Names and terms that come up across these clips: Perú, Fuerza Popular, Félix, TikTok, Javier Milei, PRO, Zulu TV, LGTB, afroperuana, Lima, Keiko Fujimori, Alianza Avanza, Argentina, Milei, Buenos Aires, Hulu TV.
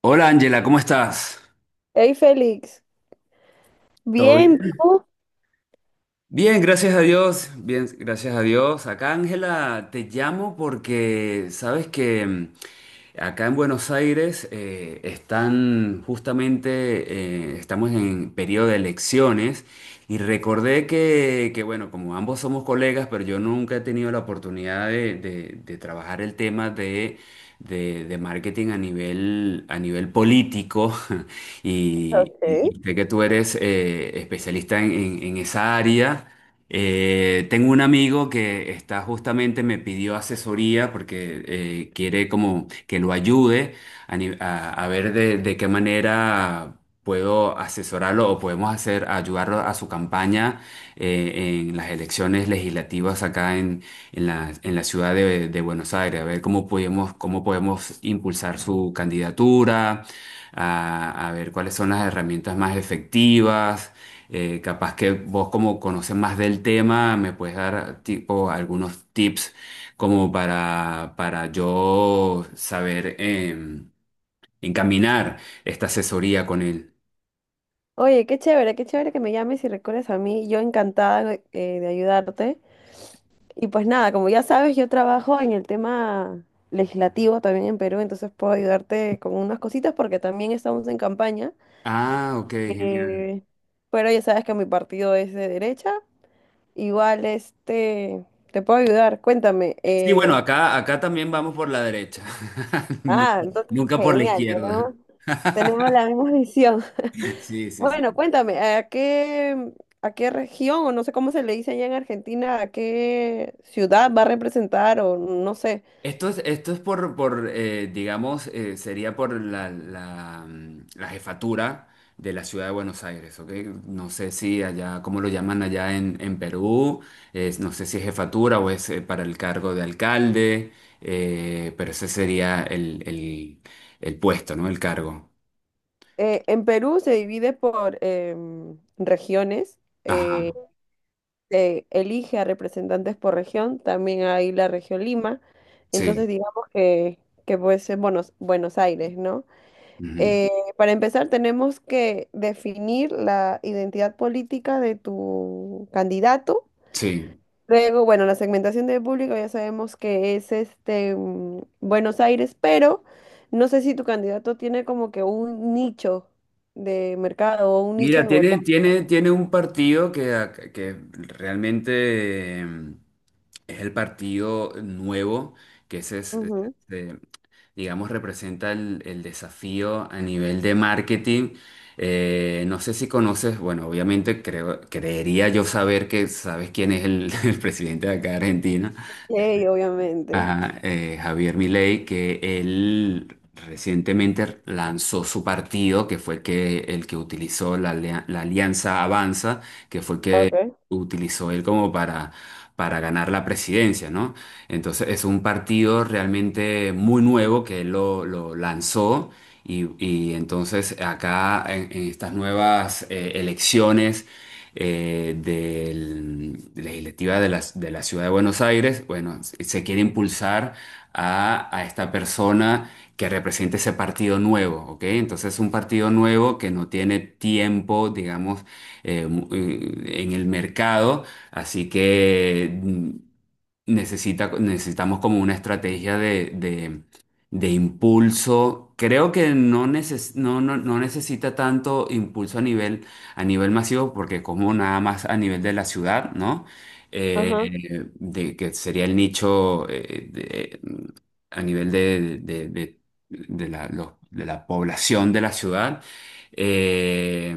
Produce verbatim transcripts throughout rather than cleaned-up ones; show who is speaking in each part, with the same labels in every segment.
Speaker 1: Hola Ángela, ¿cómo estás?
Speaker 2: Hey Félix,
Speaker 1: ¿Todo
Speaker 2: bien,
Speaker 1: bien?
Speaker 2: ¿tú?
Speaker 1: Bien, gracias a Dios. Bien, gracias a Dios. Acá Ángela, te llamo porque sabes que mm, acá en Buenos Aires eh, están justamente, eh, estamos en periodo de elecciones y recordé que, que, bueno, como ambos somos colegas, pero yo nunca he tenido la oportunidad de, de de trabajar el tema de... de, de marketing a nivel, a nivel político y, y- y
Speaker 2: Ok.
Speaker 1: sé que tú eres eh, especialista en, en- en esa área. Eh, tengo un amigo que está justamente, me pidió asesoría porque eh, quiere como que lo ayude a, ni- a- a ver de, de qué manera puedo asesorarlo o podemos hacer ayudarlo a su campaña eh, en las elecciones legislativas acá en la, en la ciudad de, de Buenos Aires, a ver cómo podemos, cómo podemos impulsar su candidatura, a, a ver cuáles son las herramientas más efectivas. Eh, capaz que vos como conoces más del tema, me puedes dar tipo algunos tips como para, para yo saber em, encaminar esta asesoría con él.
Speaker 2: Oye, qué chévere, qué chévere que me llames y recuerdes a mí. Yo encantada eh, de ayudarte. Y pues nada, como ya sabes, yo trabajo en el tema legislativo también en Perú, entonces puedo ayudarte con unas cositas porque también estamos en campaña.
Speaker 1: Ah, ok, genial.
Speaker 2: Eh, pero ya sabes que mi partido es de derecha. Igual, este, te puedo ayudar. Cuéntame.
Speaker 1: Sí, bueno,
Speaker 2: eh,
Speaker 1: acá, acá también vamos por la derecha, nunca,
Speaker 2: Ah, entonces,
Speaker 1: nunca por la
Speaker 2: genial,
Speaker 1: izquierda.
Speaker 2: tenemos, tenemos la misma visión.
Speaker 1: Sí, sí,
Speaker 2: Bueno,
Speaker 1: sí.
Speaker 2: cuéntame, ¿a qué, ¿a qué región, o no sé cómo se le dice allá en Argentina, a qué ciudad va a representar, o no sé?
Speaker 1: Esto es, esto es por, por eh, digamos, eh, sería por la, la, mm, la jefatura de la ciudad de Buenos Aires, ¿ok? No sé si allá, cómo lo llaman allá en, en Perú, es- no sé si es jefatura o es eh, para el cargo de alcalde, eh, pero ese sería el, el, el puesto, ¿no? El cargo.
Speaker 2: Eh, en Perú se divide por em, regiones,
Speaker 1: Ajá,
Speaker 2: eh, se elige a representantes por región, también hay la región Lima,
Speaker 1: sí.
Speaker 2: entonces digamos que, que puede ser Buenos, Buenos Aires, ¿no?
Speaker 1: Ujú,
Speaker 2: Eh, para empezar, tenemos que definir la identidad política de tu candidato.
Speaker 1: sí.
Speaker 2: Luego, bueno, la segmentación de público ya sabemos que es este mm, Buenos Aires, pero no sé si tu candidato tiene como que un nicho de mercado o un nicho
Speaker 1: Mira,
Speaker 2: de
Speaker 1: tiene,
Speaker 2: votar.
Speaker 1: tiene, tiene un partido que, ac- que realmente eh, es el partido nuevo, que ese es, es-
Speaker 2: Ujú.
Speaker 1: eh, digamos, representa el, el desafío a nivel de marketing. Eh, no sé si conoces, bueno, obviamente creo, creería yo saber que sabes quién es el, el presidente de acá de Argentina,
Speaker 2: Sí, obviamente.
Speaker 1: a eh, Javier Milei, que él recientemente lanzó su partido, que fue que, el que utilizó la, alia- la Alianza Avanza, que fue que
Speaker 2: Okay.
Speaker 1: utilizó él como para, para ganar la presidencia, ¿no? Entonces es un partido realmente muy nuevo que él lo, lo lanzó. Y, y entonces acá en, en estas nuevas eh, elecciones eh, del- de legislativa de la, de la Ciudad de Buenos Aires, bueno, se se quiere impulsar a, a esta persona que represente ese partido nuevo, ¿ok? Entonces un partido nuevo que no tiene tiempo, digamos, eh, mu- eh, en el mercado, así que mm, necesita, necesitamos como una estrategia de, de- de impulso. Creo que no, neces- no, no, no necesita tanto impulso a nivel, a nivel masivo, porque como nada más a nivel de la ciudad, ¿no?
Speaker 2: Ajá.
Speaker 1: Eh, de, que sería el nicho a nivel de, de- de- de la, lo- de la población de la ciudad. Eh,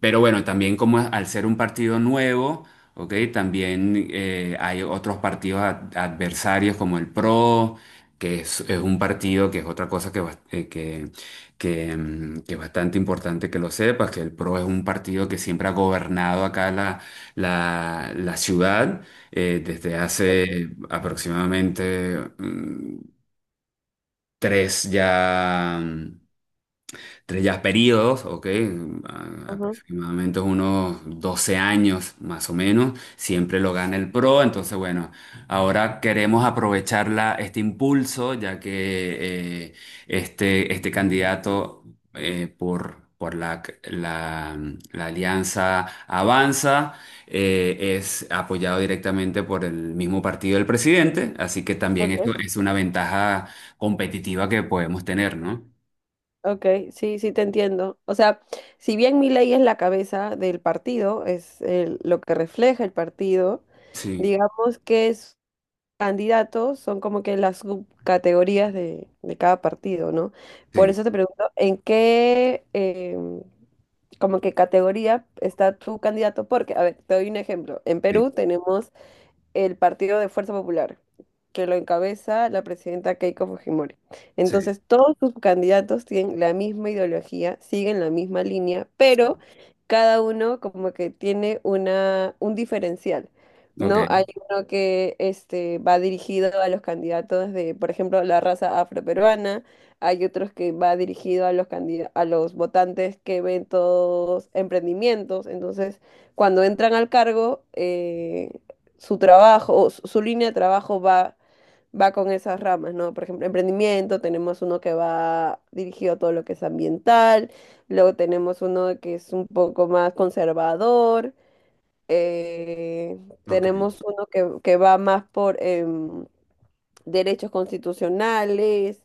Speaker 1: pero bueno, también como al ser un partido nuevo, ¿ok? También eh, hay otros partidos ad- adversarios como el PRO, que es, es un partido que es otra cosa que, bas- eh, que, que, mm, que es bastante importante que lo sepas, que el PRO es un partido que siempre ha gobernado acá la, la, la ciudad eh, desde
Speaker 2: Okay.
Speaker 1: hace aproximadamente mm, tres ya. mm, Entre ya periodos, ok, a-
Speaker 2: Ajá.
Speaker 1: aproximadamente unos doce años más o menos, siempre lo gana el PRO, entonces bueno, ahora queremos aprovechar la- este impulso, ya que eh, este, este candidato eh, por, por la, la- la alianza Avanza eh, es apoyado directamente por el mismo partido del presidente, así que también esto
Speaker 2: Okay.
Speaker 1: es una ventaja competitiva que podemos tener, ¿no?
Speaker 2: Ok, sí, sí te entiendo. O sea, si bien ley es la cabeza del partido, es el- lo que refleja el partido,
Speaker 1: Sí.
Speaker 2: digamos que es candidatos son como que las subcategorías de, de cada partido, ¿no? Por
Speaker 1: Sí.
Speaker 2: eso te pregunto, ¿en qué em, como que categoría está tu candidato? Porque, a ver, te doy un ejemplo. En
Speaker 1: Sí,
Speaker 2: Perú tenemos el Partido de Fuerza Popular, que lo encabeza la presidenta Keiko Fujimori.
Speaker 1: sí,
Speaker 2: Entonces, todos sus candidatos tienen la misma ideología, siguen la misma línea, pero cada uno como que tiene una, un diferencial, ¿no? Hay
Speaker 1: ok,
Speaker 2: uno que este, va dirigido a los candidatos de, por ejemplo, la raza afroperuana, hay otros que va dirigido a los candida- a los votantes que ven todos emprendimientos, entonces cuando entran al cargo, eh, su trabajo, o su, su línea de trabajo va, va con esas ramas, ¿no? Por ejemplo, emprendimiento, tenemos uno que va dirigido a todo lo que es ambiental, luego tenemos uno que es un poco más conservador, eh,
Speaker 1: ok.
Speaker 2: tenemos uno que, que va más por em, derechos constitucionales,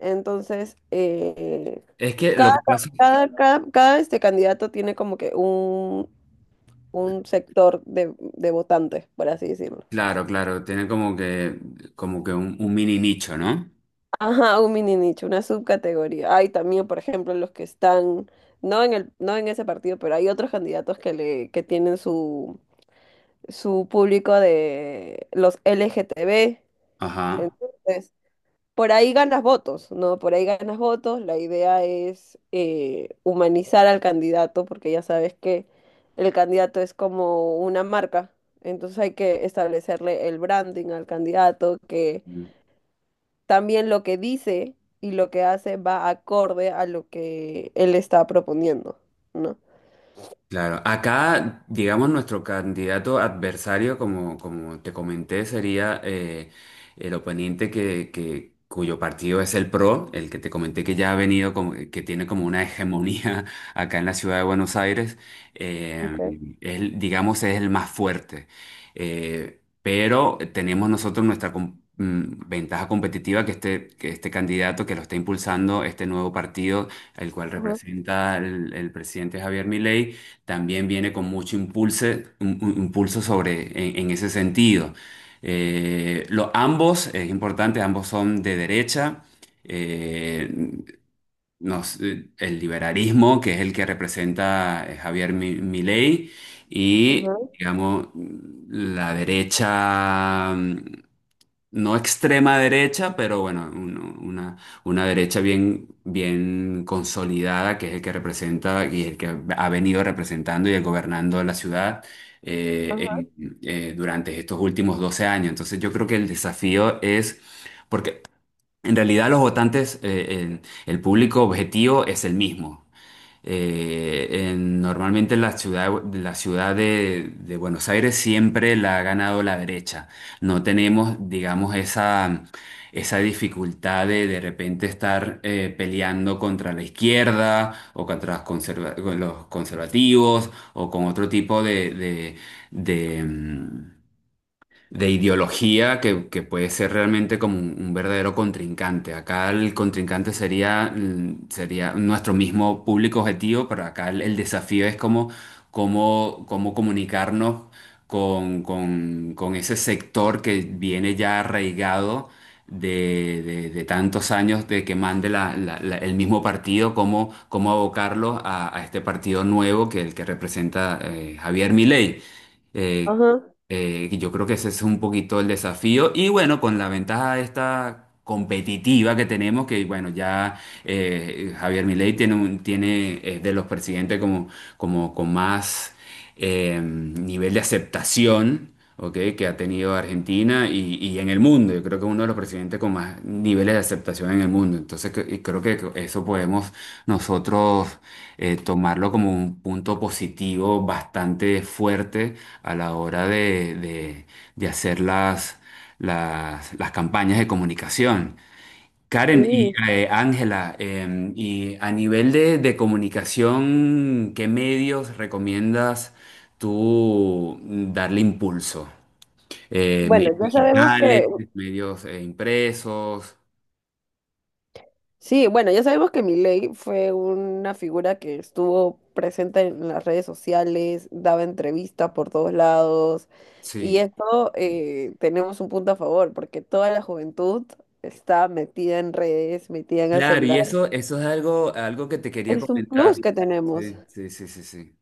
Speaker 2: entonces, eh,
Speaker 1: Es que lo
Speaker 2: cada,
Speaker 1: que pasa,
Speaker 2: cada, cada, cada, este candidato tiene como que un, un sector de, de votantes, por así decirlo.
Speaker 1: claro, claro, tiene como que, como que un, un mini nicho, ¿no?
Speaker 2: Ajá, un mini nicho, una subcategoría. Hay también, por ejemplo, los que están, no en el, no en ese partido, pero hay otros candidatos que le, que tienen su, su público de los L G T B.
Speaker 1: Ajá.
Speaker 2: Entonces, por ahí ganas votos, ¿no? Por ahí ganas votos. La idea es eh, humanizar al candidato, porque ya sabes que el candidato es como una marca. Entonces hay que establecerle el branding al candidato, que también lo que dice y lo que hace va acorde a lo que él está proponiendo, ¿no?
Speaker 1: Claro, acá, digamos, nuestro candidato adversario, como, como te comenté, sería eh, el oponente que, que- cuyo partido es el PRO, el que te comenté que ya ha venido, como- eh, que tiene como una hegemonía acá en la ciudad de Buenos Aires. Eh,
Speaker 2: Okay.
Speaker 1: él, digamos, es el más fuerte. Eh, pero tenemos nosotros nuestra com- mm, ventaja competitiva que este, que este candidato que lo está impulsando, este nuevo partido, el cual
Speaker 2: Ajá,
Speaker 1: representa el, el presidente Javier Milei, también viene con mucho impulso, un- un- impulso sobre, en, en ese sentido. Eh, lo- ambos, es importante, ambos son de derecha. Eh, nos- eh, el liberalismo, que es el que representa eh, Javier Mi- Milei, y,
Speaker 2: ajá,
Speaker 1: digamos, la derecha. Mm, no extrema derecha, pero bueno, un- una, una derecha bien, bien consolidada, que es el que representa y el que ha venido representando y gobernando la ciudad eh,
Speaker 2: ajá,
Speaker 1: en- eh, durante estos últimos doce años. Entonces yo creo que el desafío es, porque en realidad los votantes, eh, el, el público objetivo es el mismo. Eh, en- normalmente en la ciudad, la ciudad de, de Buenos Aires siempre la ha ganado la derecha. No tenemos, digamos, esa, esa dificultad de de repente estar eh, peleando contra la izquierda o contra los, conserva- con los conservativos o con otro tipo de, de, de, mm, de ideología que, que puede ser realmente como un, un verdadero contrincante. Acá el contrincante sería, mm, sería nuestro mismo público objetivo, pero acá el, el desafío es cómo, cómo, cómo comunicarnos con, con, con ese sector que viene ya arraigado. De, de- de tantos años de que mande la- la- la- el mismo partido, cómo, cómo abocarlo a, a este partido nuevo que el que representa eh, Javier Milei. Eh,
Speaker 2: ajá.
Speaker 1: eh, y yo creo que ese es un poquito el desafío. Y bueno, con la ventaja esta competitiva que tenemos, que bueno, ya eh, Javier Milei tiene un, tiene, es de los presidentes como, como con más eh, nivel de aceptación, ¿ok?, que ha tenido Argentina y, y en el mundo. Yo creo que es uno de los presidentes con más niveles de aceptación en el mundo. Entonces, que- y creo que eso podemos nosotros eh, tomarlo como un punto positivo bastante fuerte a la hora de, de- de hacer las, las, las campañas de comunicación. Karen y
Speaker 2: Sí.
Speaker 1: eh, Ángela, em, y a nivel de, de comunicación, ¿qué medios recomiendas tú darle impulso? eh,
Speaker 2: Bueno,
Speaker 1: medios
Speaker 2: ya sabemos
Speaker 1: digitales,
Speaker 2: que
Speaker 1: medios eh, impresos.
Speaker 2: Sí, bueno, ya sabemos que Milei fue una figura que estuvo presente en las redes sociales, daba entrevistas por todos lados, y
Speaker 1: Sí.
Speaker 2: esto
Speaker 1: Sí.
Speaker 2: eh, tenemos un punto a favor, porque toda la juventud está metida en redes, metida en el
Speaker 1: Claro, y
Speaker 2: celular.
Speaker 1: eso, eso es algo, algo que te quería
Speaker 2: Es un plus
Speaker 1: comentar.
Speaker 2: que tenemos.
Speaker 1: Sí, sí, sí, sí, sí.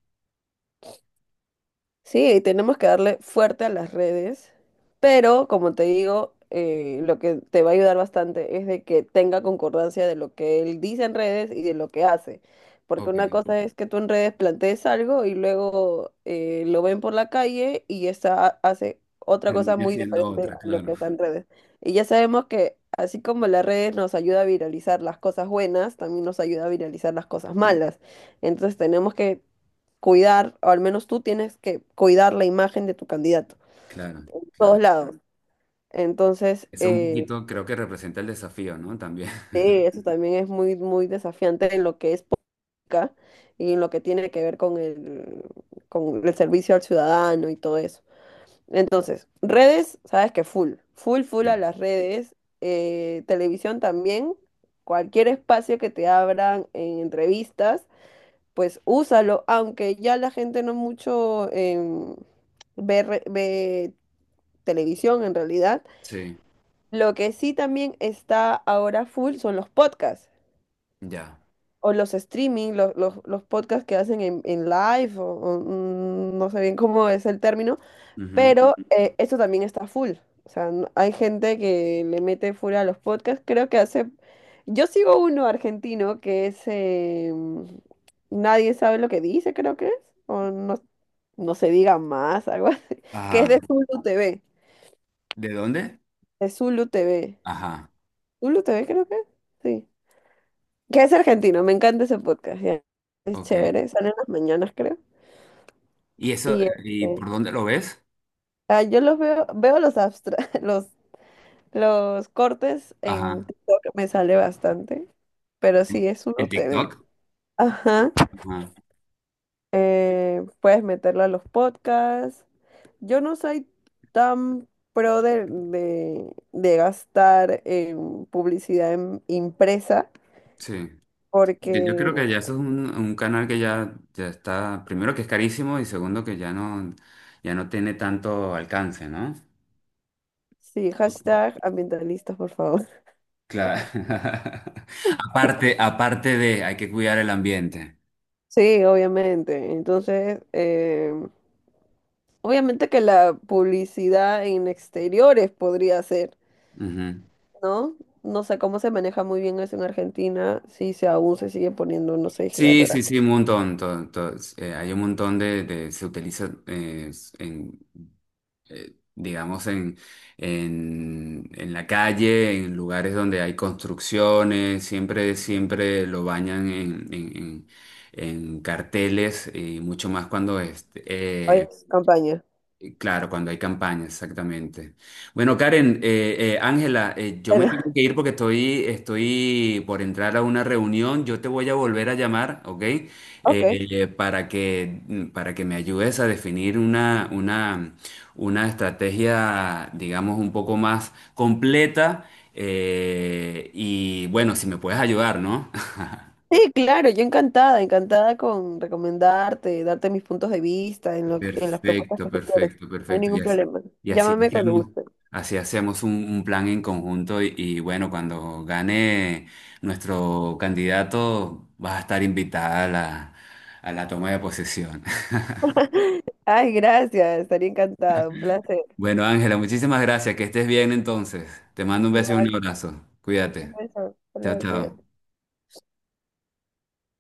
Speaker 2: Sí, tenemos que darle fuerte a las redes, pero como te digo, eh, lo que te va a ayudar bastante es de que tenga concordancia de lo que él dice en redes y de lo que hace. Porque
Speaker 1: Ok.
Speaker 2: una cosa es que tú en redes plantees algo y luego eh, lo ven por la calle y esa hace otra cosa
Speaker 1: Terminé
Speaker 2: muy
Speaker 1: siendo
Speaker 2: diferente
Speaker 1: otra,
Speaker 2: a lo
Speaker 1: claro,
Speaker 2: que está en redes. Y ya sabemos que así como las redes nos ayuda a viralizar las cosas buenas, también nos ayuda a viralizar las cosas malas. Entonces tenemos que cuidar, o al menos tú tienes que cuidar la imagen de tu candidato,
Speaker 1: claro,
Speaker 2: en todos
Speaker 1: claro.
Speaker 2: lados. Entonces,
Speaker 1: Eso un
Speaker 2: eh,
Speaker 1: poquito creo que representa el desafío, ¿no? También.
Speaker 2: sí, eso también es muy, muy desafiante en lo que es política y en lo que tiene que ver con el, con el servicio al ciudadano y todo eso. Entonces, redes, sabes que full, full, full a
Speaker 1: Sí,
Speaker 2: las redes, eh, televisión también, cualquier espacio que te abran en entrevistas, pues úsalo, aunque ya la gente no mucho em, ve, re- ve televisión en realidad.
Speaker 1: sí,
Speaker 2: Lo que sí también está ahora full son los podcasts
Speaker 1: ya.
Speaker 2: o los streaming, los, los, los podcasts que hacen en, en live o, o, mm, no sé bien cómo es el término,
Speaker 1: Ujú.
Speaker 2: pero eh, esto también está full. O sea, n- hay gente que le mete full a los podcasts. Creo que hace... Yo sigo uno argentino que es... eh, Nadie sabe lo que dice, creo que es. O no, no se diga más, algo así. Que es de
Speaker 1: Ajá.
Speaker 2: Zulu T V.
Speaker 1: ¿De dónde?
Speaker 2: De Zulu T V.
Speaker 1: Ajá.
Speaker 2: Hulu T V creo que, sí. Que es argentino, me encanta ese podcast, ya. Es
Speaker 1: Ok.
Speaker 2: chévere, Salen las mañanas creo.
Speaker 1: ¿Y eso,
Speaker 2: Y
Speaker 1: y
Speaker 2: este,
Speaker 1: por dónde lo ves?
Speaker 2: ah, yo los veo, veo los abstra los, los cortes en
Speaker 1: Ajá.
Speaker 2: TikTok, me sale bastante, pero
Speaker 1: ¿En,
Speaker 2: sí, es Hulu
Speaker 1: en TikTok?
Speaker 2: T V. Ajá,
Speaker 1: Ajá.
Speaker 2: eh, puedes meterlo a los podcasts. Yo no soy tan pro de, de, de gastar en publicidad en- impresa,
Speaker 1: Sí. Que Yo
Speaker 2: porque
Speaker 1: creo que ya eso es un, un canal que ya, ya está, primero que es carísimo y segundo que ya no, ya no tiene tanto alcance, ¿no?
Speaker 2: sí, hashtag ambientalistas, por favor.
Speaker 1: Claro. Aparte, aparte de, hay que cuidar el ambiente.
Speaker 2: Sí, obviamente. Entonces, eh, obviamente que la publicidad en exteriores podría ser,
Speaker 1: Ujú.
Speaker 2: ¿no? No sé cómo se maneja muy bien eso en Argentina, si se aún se sigue poniendo, no sé,
Speaker 1: Sí, sí,
Speaker 2: gigatoraje.
Speaker 1: sí, un montón. to- to- eh, hay un montón de, de- se utiliza eh, en, eh, digamos, en, en, en la calle, en lugares donde hay construcciones, siempre, siempre lo bañan en, en- en- en carteles y mucho más cuando es,
Speaker 2: Ay,
Speaker 1: eh,
Speaker 2: campaña.
Speaker 1: eh, claro, cuando hay campañas, exactamente. Bueno, Karen, eh, eh, Ángela, eh, yo me
Speaker 2: Pero...
Speaker 1: tengo que ir porque estoy, estoy por entrar a una reunión. Yo te voy a volver a llamar, ¿ok? Eh,
Speaker 2: Ok.
Speaker 1: eh, para que, mm, para que me ayudes a definir una, una, una estrategia, digamos, un poco más completa. eh, y bueno, si me puedes ayudar, ¿no?
Speaker 2: Sí, claro, yo encantada, encantada con recomendarte, darte mis puntos de vista en lo, en las propuestas
Speaker 1: Perfecto,
Speaker 2: que tú quieras.
Speaker 1: perfecto,
Speaker 2: No hay
Speaker 1: perfecto. Y
Speaker 2: ningún
Speaker 1: así,
Speaker 2: problema.
Speaker 1: y así
Speaker 2: Llámame cuando
Speaker 1: hacemos,
Speaker 2: guste.
Speaker 1: así hacemos un, un plan en conjunto y, y bueno, cuando gane nuestro candidato, vas a estar invitada a la, a la toma de posesión.
Speaker 2: Ay, gracias, estaría encantado, un placer.
Speaker 1: Bueno, Ángela, muchísimas gracias. Que estés bien entonces. Te mando un beso y
Speaker 2: Igual,
Speaker 1: un abrazo.
Speaker 2: un
Speaker 1: Cuídate.
Speaker 2: beso. Hasta
Speaker 1: Chao,
Speaker 2: luego,
Speaker 1: chao.
Speaker 2: cuídate.